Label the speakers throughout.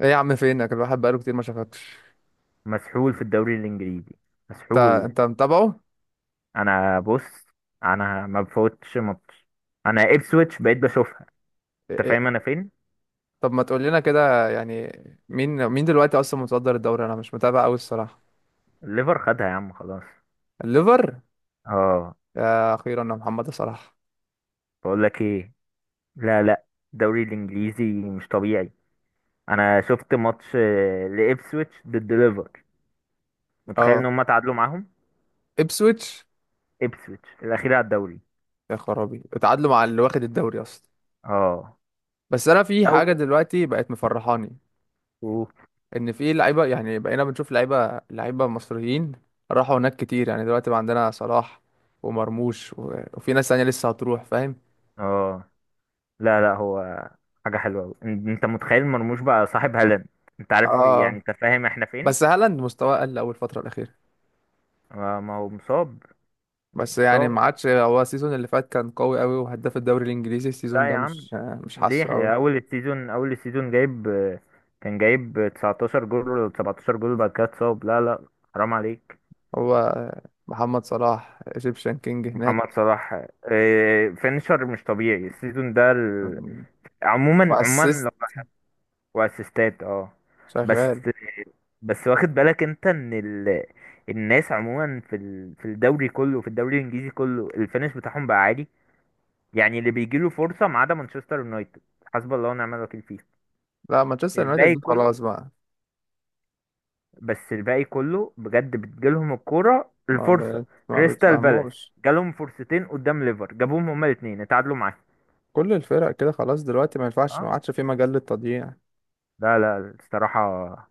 Speaker 1: ايه يا عم، فينك؟ الواحد بقاله كتير ما شافكش.
Speaker 2: مسحول في الدوري الانجليزي.
Speaker 1: انت
Speaker 2: مسحول.
Speaker 1: انت متابعه؟
Speaker 2: انا بص. انا ما بفوتش ماتش. انا ابسويتش بقيت بشوفها.
Speaker 1: إيه-
Speaker 2: انت
Speaker 1: إيه،
Speaker 2: فاهم انا فين؟
Speaker 1: طب ما تقول لنا كده يعني. مين دلوقتي اصلا متصدر الدوري؟ انا مش متابع قوي الصراحه.
Speaker 2: الليفر خدها يا عم خلاص.
Speaker 1: الليفر؟
Speaker 2: اه.
Speaker 1: يا اخيرا يا محمد صلاح.
Speaker 2: بقول لك ايه؟ لا، لا. الدوري الانجليزي مش طبيعي. انا شفت ماتش لابسويتش ضد ليفر. متخيل ان
Speaker 1: اه،
Speaker 2: هم تعادلوا معاهم.
Speaker 1: ابسويتش؟
Speaker 2: ابسويتش الاخير على الدوري.
Speaker 1: يا خرابي اتعادلوا مع اللي واخد الدوري اصلا.
Speaker 2: اه.
Speaker 1: بس انا في
Speaker 2: لو.
Speaker 1: حاجه دلوقتي بقت مفرحاني،
Speaker 2: أوه.
Speaker 1: ان في لعيبه، يعني بقينا بنشوف لعيبه مصريين راحوا هناك كتير، يعني دلوقتي بقى عندنا صلاح ومرموش وفي ناس تانية لسه هتروح، فاهم.
Speaker 2: اه. لا، لا، هو حاجه حلوه أوي. انت متخيل مرموش بقى صاحب هالاند. انت عارف، يعني
Speaker 1: اه.
Speaker 2: انت فاهم احنا فين.
Speaker 1: بس هالاند مستواه قل أول فترة الأخيرة،
Speaker 2: ما هو مصاب.
Speaker 1: بس يعني ما
Speaker 2: مصاب.
Speaker 1: عادش هو. السيزون اللي فات كان قوي قوي وهداف الدوري الإنجليزي، السيزون
Speaker 2: لا
Speaker 1: ده
Speaker 2: يا عم.
Speaker 1: مش، مش حاسه قوي.
Speaker 2: ليه اول السيزون جايب كان جايب 19 جول ولا 17 جول بعد كده اتصاب. لا، لا. حرام عليك.
Speaker 1: هو محمد صلاح ايجيبشن كينج
Speaker 2: محمد
Speaker 1: هناك،
Speaker 2: صلاح. فينشر مش طبيعي السيزون ده عموما، عموما
Speaker 1: وأسيست
Speaker 2: لو. واسيستات. اه. بس.
Speaker 1: شغال.
Speaker 2: بس واخد بالك انت ان الناس عموما في الدوري كله، في الدوري الانجليزي كله الفينش بتاعهم بقى عالي. يعني اللي بيجيله فرصة ما عدا مانشستر يونايتد، حسب الله ونعم الوكيل فيه.
Speaker 1: لا مانشستر يونايتد
Speaker 2: الباقي
Speaker 1: دي
Speaker 2: كله.
Speaker 1: خلاص بقى.
Speaker 2: بس الباقي كله بجد بتجيلهم الكورة الفرصة.
Speaker 1: ما
Speaker 2: كريستال بالاس
Speaker 1: بتفهموش.
Speaker 2: جالهم فرصتين قدام ليفر جابوهم، هما الاثنين اتعادلوا معاهم.
Speaker 1: كل الفرق كده خلاص دلوقتي، ما ينفعش، ما
Speaker 2: اه.
Speaker 1: عادش في مجال للتضييع.
Speaker 2: لا، لا، الصراحة.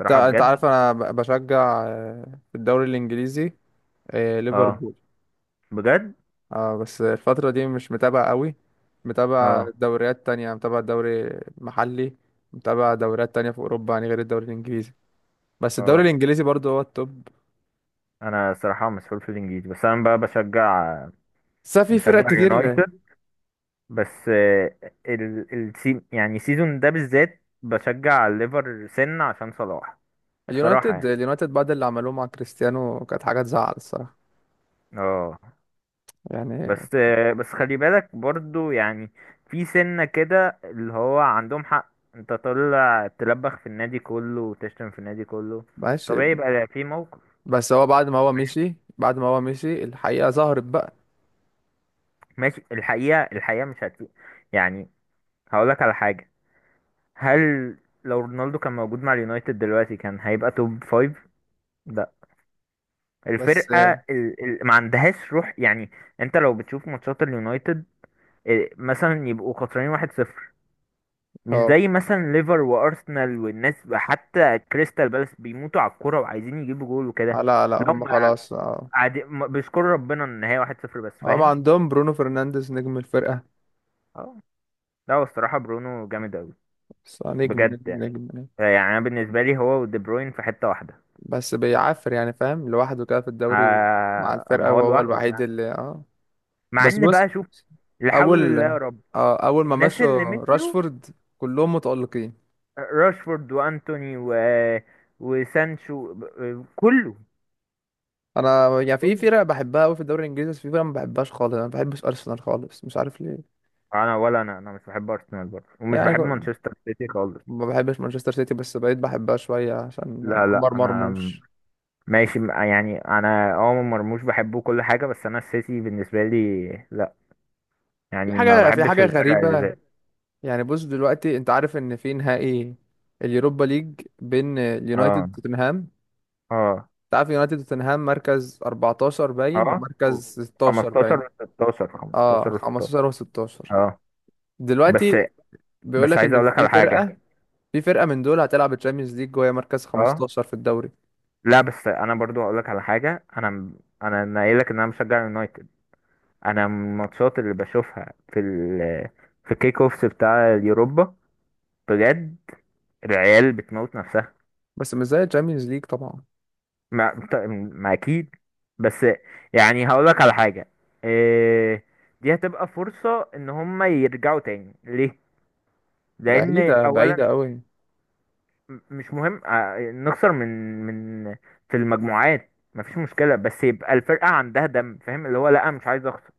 Speaker 1: انت انت
Speaker 2: بجد.
Speaker 1: عارف انا بشجع في الدوري الانجليزي،
Speaker 2: اه.
Speaker 1: ليفربول.
Speaker 2: بجد.
Speaker 1: اه، بس الفترة دي مش متابع قوي، متابع
Speaker 2: اه.
Speaker 1: دوريات تانية، متابع دوري محلي، متابع دوريات تانية في أوروبا، يعني غير الدوري الإنجليزي. بس الدوري
Speaker 2: اه.
Speaker 1: الإنجليزي برضه هو التوب،
Speaker 2: انا صراحة مسحول في الانجليزي، بس انا بقى بشجع.
Speaker 1: بس في فرق
Speaker 2: بشجع
Speaker 1: كتير.
Speaker 2: يونايتد. بس يعني السيزون ده بالذات بشجع الليفر سن عشان صلاح. بصراحة
Speaker 1: اليونايتد
Speaker 2: يعني.
Speaker 1: اليونايتد بعد اللي عملوه مع كريستيانو كانت حاجة تزعل الصراحة،
Speaker 2: اه.
Speaker 1: يعني
Speaker 2: بس. بس خلي بالك برضو يعني في سنة كده اللي هو عندهم حق انت طالع تلبخ في النادي كله وتشتم في النادي كله.
Speaker 1: ماشي.
Speaker 2: طبيعي يبقى في موقف.
Speaker 1: بس هو بعد ما هو
Speaker 2: فاهم؟
Speaker 1: مشي، الحقيقة ظهرت بقى.
Speaker 2: ماشي. الحقيقة مش هتفيد. يعني هقولك على حاجة. هل لو رونالدو كان موجود مع اليونايتد دلوقتي كان هيبقى توب فايف. لا.
Speaker 1: بس
Speaker 2: الفرقة ما عندهاش روح يعني. انت لو بتشوف ماتشات اليونايتد، مثلا يبقوا خسرانين 1-0. مش
Speaker 1: اه،
Speaker 2: زي مثلا ليفر وارسنال والناس، حتى كريستال بالاس بيموتوا على الكوره وعايزين يجيبوا جول وكده.
Speaker 1: لا لا،
Speaker 2: لهم.
Speaker 1: هم خلاص، اه.
Speaker 2: قاعدين بيشكروا ربنا ان هي 1-0 بس.
Speaker 1: هم
Speaker 2: فاهم؟
Speaker 1: عندهم برونو فرنانديز نجم الفرقة،
Speaker 2: اه. لا، هو الصراحه برونو جامد قوي.
Speaker 1: بس نجم
Speaker 2: بجد
Speaker 1: نجم
Speaker 2: يعني.
Speaker 1: نجم.
Speaker 2: يعني انا بالنسبه لي هو ودي بروين في حته واحده.
Speaker 1: بس بيعافر يعني، فاهم، لوحده كده في الدوري ومع
Speaker 2: اما
Speaker 1: الفرقة،
Speaker 2: هو
Speaker 1: وهو
Speaker 2: لوحده
Speaker 1: الوحيد
Speaker 2: فعلا.
Speaker 1: اللي اه.
Speaker 2: مع
Speaker 1: بس
Speaker 2: ان
Speaker 1: بص.
Speaker 2: بقى شوف. لا حول
Speaker 1: اول
Speaker 2: الله يا رب.
Speaker 1: اه اول ما
Speaker 2: الناس
Speaker 1: مشوا،
Speaker 2: اللي مشيوا.
Speaker 1: راشفورد، كلهم متألقين.
Speaker 2: راشفورد وانتوني وسانشو كله.
Speaker 1: انا يعني في
Speaker 2: كله.
Speaker 1: فرق بحبها قوي في الدوري الانجليزي، بس في فرق ما بحبهاش خالص. انا ما بحبش ارسنال خالص، مش عارف ليه.
Speaker 2: ولا انا مش بحب ارسنال برضه ومش
Speaker 1: يعني
Speaker 2: بحب مانشستر سيتي خالص.
Speaker 1: ما بحبش مانشستر سيتي، بس بقيت بحبها شوية عشان
Speaker 2: لا،
Speaker 1: عمر
Speaker 2: لا، انا
Speaker 1: مرموش.
Speaker 2: ماشي يعني انا مرموش بحبه كل حاجه، بس انا السيتي بالنسبه لي لا.
Speaker 1: في
Speaker 2: يعني ما
Speaker 1: حاجة في
Speaker 2: بحبش
Speaker 1: حاجة
Speaker 2: الفرق اللي زي
Speaker 1: غريبة، يعني بص دلوقتي، انت عارف ان في نهائي اليوروبا ليج بين اليونايتد
Speaker 2: اه
Speaker 1: وتوتنهام.
Speaker 2: اه
Speaker 1: تعرف يونايتد وتوتنهام، مركز 14 باين
Speaker 2: اه و-
Speaker 1: ومركز 16
Speaker 2: 15
Speaker 1: باين،
Speaker 2: و16، 15
Speaker 1: اه،
Speaker 2: و16.
Speaker 1: 15 و16.
Speaker 2: اه. بس
Speaker 1: دلوقتي بيقول
Speaker 2: بس
Speaker 1: لك
Speaker 2: عايز
Speaker 1: ان
Speaker 2: اقول لك
Speaker 1: في
Speaker 2: على حاجه.
Speaker 1: فرقة في فرقة من دول هتلعب الشامبيونز ليج وهي مركز
Speaker 2: اه.
Speaker 1: 15 في الدوري،
Speaker 2: لا بس انا برضو هقول لك على حاجه. انا انا نايل لك ان انا مشجع يونايتد. انا من الماتشات اللي بشوفها في الكيك اوفس بتاع اليوروبا. بجد. العيال بتموت نفسها.
Speaker 1: بس مش زي الشامبيونز ليج طبعا،
Speaker 2: ما, بت- ما اكيد. بس. يعني هقولك على حاجة. إيه؟ دي هتبقى فرصة ان هم يرجعوا تاني ليه، لان
Speaker 1: بعيدة
Speaker 2: اولا
Speaker 1: بعيدة قوي.
Speaker 2: مش مهم نخسر من، من في المجموعات مفيش مشكلة بس يبقى الفرقة عندها دم. فاهم؟ اللي هو لا، مش عايز اخسر.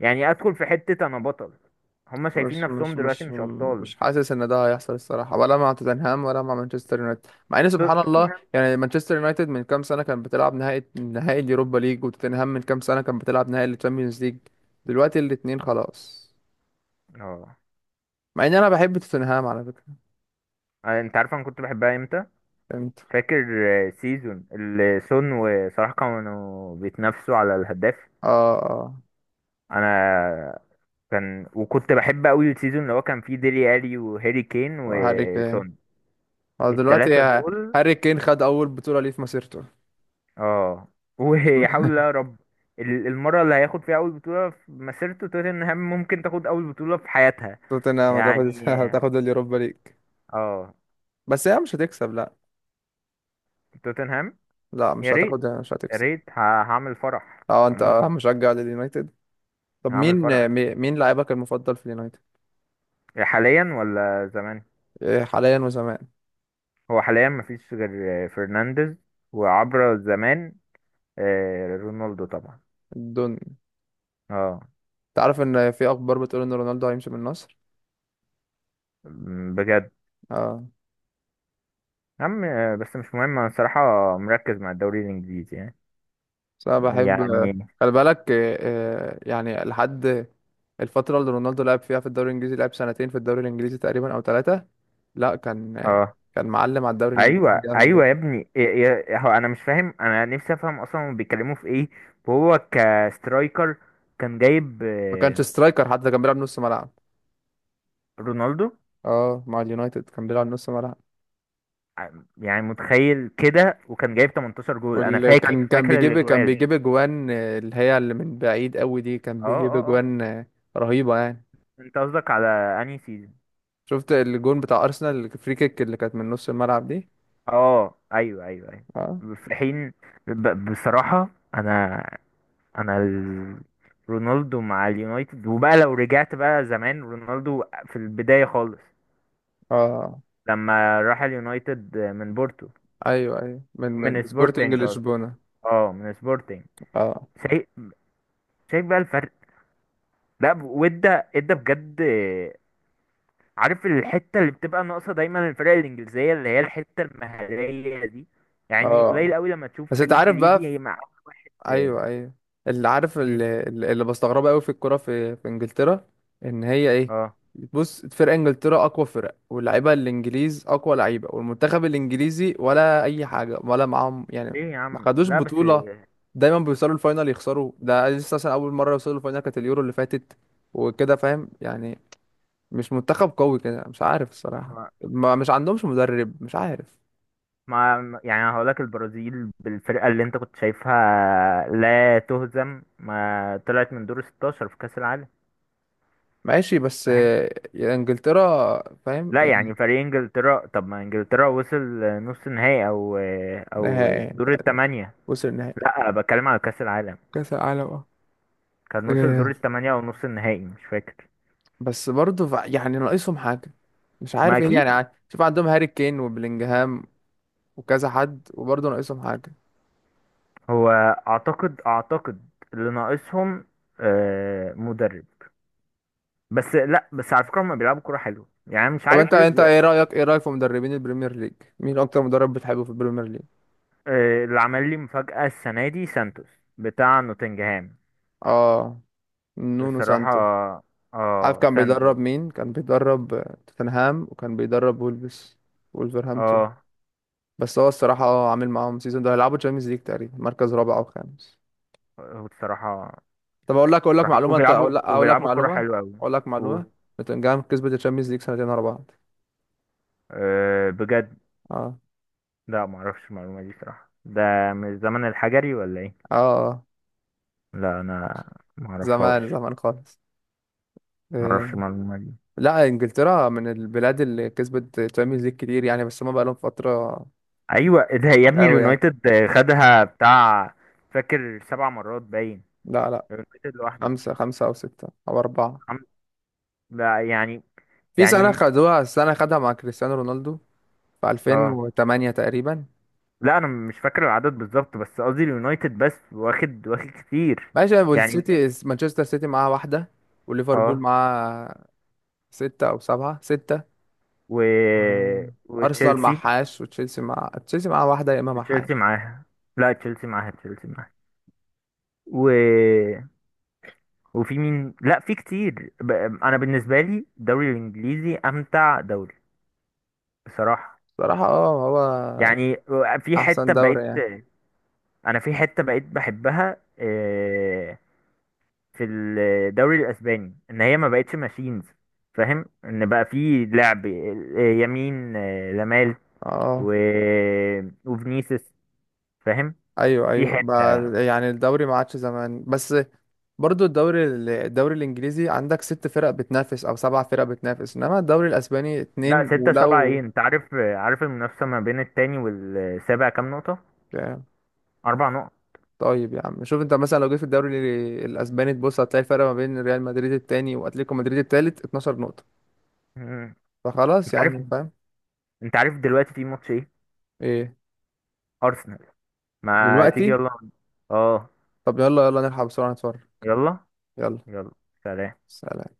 Speaker 2: يعني ادخل في حتة انا بطل. هم شايفين
Speaker 1: مش
Speaker 2: نفسهم
Speaker 1: مش
Speaker 2: دلوقتي
Speaker 1: مش
Speaker 2: مش ابطال.
Speaker 1: مش حاسس ان ده هيحصل الصراحة، ولا مع توتنهام ولا مع مانشستر يونايتد. مع ان سبحان الله
Speaker 2: توتنهام.
Speaker 1: يعني، مانشستر يونايتد من كام سنة كان بتلعب نهائي اليوروبا ليج، وتوتنهام من كام سنة كان بتلعب نهائي الشامبيونز ليج، دلوقتي الاتنين خلاص.
Speaker 2: اه.
Speaker 1: مع ان انا بحب توتنهام على فكره،
Speaker 2: انت عارف انا كنت بحبها امتى؟
Speaker 1: فهمت.
Speaker 2: فاكر سيزون اللي سون وصلاح كانوا بيتنافسوا على الهداف.
Speaker 1: اه، اه،
Speaker 2: انا كان وكنت بحب قوي السيزون اللي هو كان فيه ديلي الي وهاري كين
Speaker 1: وهاري كين.
Speaker 2: وسون.
Speaker 1: اه دلوقتي
Speaker 2: التلاتة دول.
Speaker 1: هاري كين خد اول بطوله ليه في مسيرته.
Speaker 2: اه. ويحاول يا رب. المرة اللي هياخد فيها اول بطولة في مسيرته، توتنهام ممكن تاخد اول بطولة في حياتها.
Speaker 1: توتنهام هتاخد
Speaker 2: يعني.
Speaker 1: هتاخد اليوروبا ليج،
Speaker 2: اه.
Speaker 1: بس هي مش هتكسب، لا.
Speaker 2: توتنهام.
Speaker 1: لا،
Speaker 2: يا
Speaker 1: مش
Speaker 2: ريت،
Speaker 1: هتاخد، مش
Speaker 2: يا
Speaker 1: هتكسب.
Speaker 2: ريت هعمل فرح
Speaker 1: اه، انت
Speaker 2: عموما.
Speaker 1: مشجع لليونايتد. طب
Speaker 2: هعمل
Speaker 1: مين
Speaker 2: فرح.
Speaker 1: مي- مين لاعبك المفضل في اليونايتد؟
Speaker 2: حاليا ولا زمان؟
Speaker 1: إيه، حاليا وزمان؟
Speaker 2: هو حاليا مفيش غير فرنانديز. وعبر زمان. رونالدو طبعا.
Speaker 1: دون.
Speaker 2: اه.
Speaker 1: انت عارف ان في اخبار بتقول ان رونالدو هيمشي من النصر؟
Speaker 2: بجد؟
Speaker 1: اه.
Speaker 2: يا عم بس مش مهم انا الصراحة مركز مع الدوري الانجليزي يعني.
Speaker 1: بس انا بحب،
Speaker 2: يعني.
Speaker 1: خلي بالك، يعني لحد الفترة اللي رونالدو لعب فيها في الدوري الانجليزي، لعب سنتين في الدوري الانجليزي تقريبا او ثلاثة. لا، كان
Speaker 2: اه.
Speaker 1: كان معلم على الدوري الانجليزي
Speaker 2: ايوه،
Speaker 1: جامد
Speaker 2: ايوه يا
Speaker 1: يعني.
Speaker 2: ابني. هو انا مش فاهم، انا نفسي افهم اصلا هما بيتكلموا في ايه. وهو كسترايكر. كان جايب
Speaker 1: ما كانش سترايكر حتى، كان بيلعب نص ملعب.
Speaker 2: رونالدو
Speaker 1: اه، مع اليونايتد كان بيلعب نص ملعب.
Speaker 2: ع- يعني متخيل كده، وكان جايب 18 جول. انا
Speaker 1: واللي كان كان
Speaker 2: فاكر
Speaker 1: بيجيب كان
Speaker 2: الاجوال.
Speaker 1: بيجيب اجوان اللي هي اللي من بعيد قوي دي، كان
Speaker 2: اه،
Speaker 1: بيجيب
Speaker 2: اه، اه.
Speaker 1: اجوان رهيبة يعني.
Speaker 2: انت قصدك على انهي سيزون؟
Speaker 1: شفت الجون بتاع ارسنال الفري كيك اللي كانت من نص الملعب دي؟
Speaker 2: اه، ايوه، ايوه.
Speaker 1: اه،
Speaker 2: ايوه في حين. بصراحة. انا. انا ال... رونالدو مع اليونايتد، وبقى لو رجعت بقى زمان رونالدو في البداية خالص.
Speaker 1: اه، آه،
Speaker 2: لما راح اليونايتد من بورتو،
Speaker 1: ايوه، ايوه، من
Speaker 2: من
Speaker 1: من سبورتنج
Speaker 2: سبورتنج قصدي.
Speaker 1: لشبونة.
Speaker 2: اه، من سبورتنج.
Speaker 1: اه.
Speaker 2: شايف شايف بقى الفرق. لا وادى ادى بجد. عارف الحتة اللي بتبقى ناقصة دايما الفرق الإنجليزية اللي هي الحتة المهارية دي. يعني
Speaker 1: اه،
Speaker 2: قليل قوي لما تشوف
Speaker 1: بس انت
Speaker 2: فريق
Speaker 1: عارف بقى
Speaker 2: إنجليزي مع.
Speaker 1: ايوه، ايوه، اللي عارف اللي, اللي بستغربه قوي في الكوره، في انجلترا، ان هي ايه.
Speaker 2: اه.
Speaker 1: بص، فرق انجلترا اقوى فرق، واللعيبه الانجليز اقوى لعيبه، والمنتخب الانجليزي ولا اي حاجه، ولا معاهم يعني.
Speaker 2: ليه يا
Speaker 1: ما
Speaker 2: عم،
Speaker 1: خدوش
Speaker 2: لا بس.
Speaker 1: بطوله، دايما بيوصلوا الفاينل يخسروا. ده لسه مثلا اول مره يوصلوا الفاينل كانت اليورو اللي فاتت، وكده فاهم يعني. مش منتخب قوي كده، مش عارف الصراحه.
Speaker 2: ما,
Speaker 1: ما، مش عندهمش مدرب، مش عارف.
Speaker 2: ما يعني هقولك، البرازيل بالفرقة اللي انت كنت شايفها لا تهزم، ما طلعت من دور 16 في كأس العالم.
Speaker 1: ماشي، بس
Speaker 2: فاهم؟
Speaker 1: يعني انجلترا، فاهم
Speaker 2: لا
Speaker 1: يعني.
Speaker 2: يعني فريق انجلترا، طب ما انجلترا وصل نص نهائي، او او
Speaker 1: نهائي،
Speaker 2: دور الثمانية.
Speaker 1: وصل نهائي
Speaker 2: لا بتكلم على كأس العالم.
Speaker 1: كاس العالم، اه،
Speaker 2: كان وصل
Speaker 1: آه،
Speaker 2: دور الثمانية او نص النهائي مش فاكر.
Speaker 1: بس برضه يعني ناقصهم حاجة، مش
Speaker 2: ما
Speaker 1: عارف ايه
Speaker 2: اكيد.
Speaker 1: يعني. شوف، عندهم هاري كين وبلينجهام وكذا حد، وبرضه ناقصهم حاجة.
Speaker 2: هو اعتقد اللي ناقصهم مدرب. بس لا، بس على فكرة هما بيلعبوا كورة حلوة يعني مش
Speaker 1: طب انت
Speaker 2: عارف
Speaker 1: انت
Speaker 2: ايه.
Speaker 1: ايه رأيك، في مدربين البريمير ليج؟ مين اكتر مدرب بتحبه في البريمير ليج؟
Speaker 2: اللي عمل لي مفاجأة السنة دي سانتوس، بتاع نوتنجهام.
Speaker 1: اه، نونو
Speaker 2: الصراحة.
Speaker 1: سانتو. عارف
Speaker 2: اه،
Speaker 1: كان بيدرب
Speaker 2: سانتو.
Speaker 1: مين؟ كان بيدرب توتنهام، وكان بيدرب وولفز، وولفرهامبتون.
Speaker 2: اه.
Speaker 1: بس هو الصراحة اه عامل معاهم سيزون ده، هيلعبوا تشامبيونز ليج تقريبا، مركز رابع أو خامس.
Speaker 2: هو بصراحة،
Speaker 1: طب أقول لك
Speaker 2: بصراحة
Speaker 1: معلومة،
Speaker 2: وبيلعبوا كرة حلوة أوي.
Speaker 1: أقول لك
Speaker 2: و...
Speaker 1: معلومة. نوتنجهام كسبت التشامبيونز ليج سنتين ورا بعض.
Speaker 2: بجد؟
Speaker 1: اه،
Speaker 2: لا، معرفش المعلومة دي صراحة. ده من الزمن الحجري ولا ايه؟
Speaker 1: اه، آه.
Speaker 2: لا أنا
Speaker 1: زمان
Speaker 2: معرفهاش.
Speaker 1: زمان خالص. إيه.
Speaker 2: معرفش المعلومة دي.
Speaker 1: لا، إنجلترا من البلاد اللي كسبت تشامبيونز ليج كتير يعني، بس هما بقالهم فترة
Speaker 2: أيوة، ده يا
Speaker 1: مش
Speaker 2: ابني
Speaker 1: قوي يعني.
Speaker 2: اليونايتد خدها بتاع. فاكر سبع مرات باين.
Speaker 1: لا، لا،
Speaker 2: اليونايتد لوحده.
Speaker 1: خمسة أو ستة أو أربعة.
Speaker 2: خم- لا يعني.
Speaker 1: في
Speaker 2: يعني
Speaker 1: سنة خدوها، السنة خدها مع كريستيانو رونالدو في
Speaker 2: اه.
Speaker 1: 2008 تقريبا.
Speaker 2: لا انا مش فاكر العدد بالظبط، بس قصدي اليونايتد بس واخد واخد كتير
Speaker 1: ماشي،
Speaker 2: يعني.
Speaker 1: والسيتي مانشستر سيتي معاه واحدة، وليفربول
Speaker 2: اه.
Speaker 1: معاه ستة أو سبعة، ستة.
Speaker 2: و
Speaker 1: و- أرسنال
Speaker 2: وتشيلسي.
Speaker 1: معهاش، وتشيلسي، مع تشيلسي معاه واحدة، يا إما
Speaker 2: تشيلسي
Speaker 1: معهاش.
Speaker 2: معاها. لا، تشيلسي معاها، تشيلسي معاها. و... وفي مين؟ لا، في كتير انا بالنسبه لي الدوري الانجليزي امتع دوري. بصراحه.
Speaker 1: صراحة اه، هو
Speaker 2: يعني. في
Speaker 1: أحسن
Speaker 2: حته
Speaker 1: دوري
Speaker 2: بقيت.
Speaker 1: يعني.
Speaker 2: انا في حته بقيت بحبها في الدوري الاسباني ان هي ما بقتش ماشينز. فاهم ان بقى في لعب يمين لامال
Speaker 1: اه،
Speaker 2: و... وفينيسيوس. فاهم؟
Speaker 1: أيوه،
Speaker 2: في
Speaker 1: أيوه بقى.
Speaker 2: حته.
Speaker 1: يعني الدوري ما عادش زمان، بس برضو الدوري الدوري الإنجليزي عندك ست فرق بتنافس أو سبع فرق بتنافس، إنما الدوري الأسباني
Speaker 2: لا
Speaker 1: اتنين،
Speaker 2: ستة سبعة
Speaker 1: ولو.
Speaker 2: ايه؟ انت عارف، عارف المنافسه ما بين التاني والسابع كام نقطه؟ اربع نقط.
Speaker 1: طيب يا عم، شوف انت مثلا لو جيت في الدوري الاسباني، تبص هتلاقي الفرق ما بين ريال مدريد التاني واتليتيكو مدريد التالت 12 نقطة،
Speaker 2: مم.
Speaker 1: فخلاص
Speaker 2: انت عارف
Speaker 1: يعني، فاهم.
Speaker 2: انت عارف دلوقتي في ماتش ايه؟
Speaker 1: ايه،
Speaker 2: ارسنال. ما تيجي
Speaker 1: دلوقتي؟
Speaker 2: يلا. اه.
Speaker 1: طب يلا يلا نلحق بسرعة نتفرج.
Speaker 2: يلا،
Speaker 1: يلا.
Speaker 2: يلا. سلام.
Speaker 1: سلام.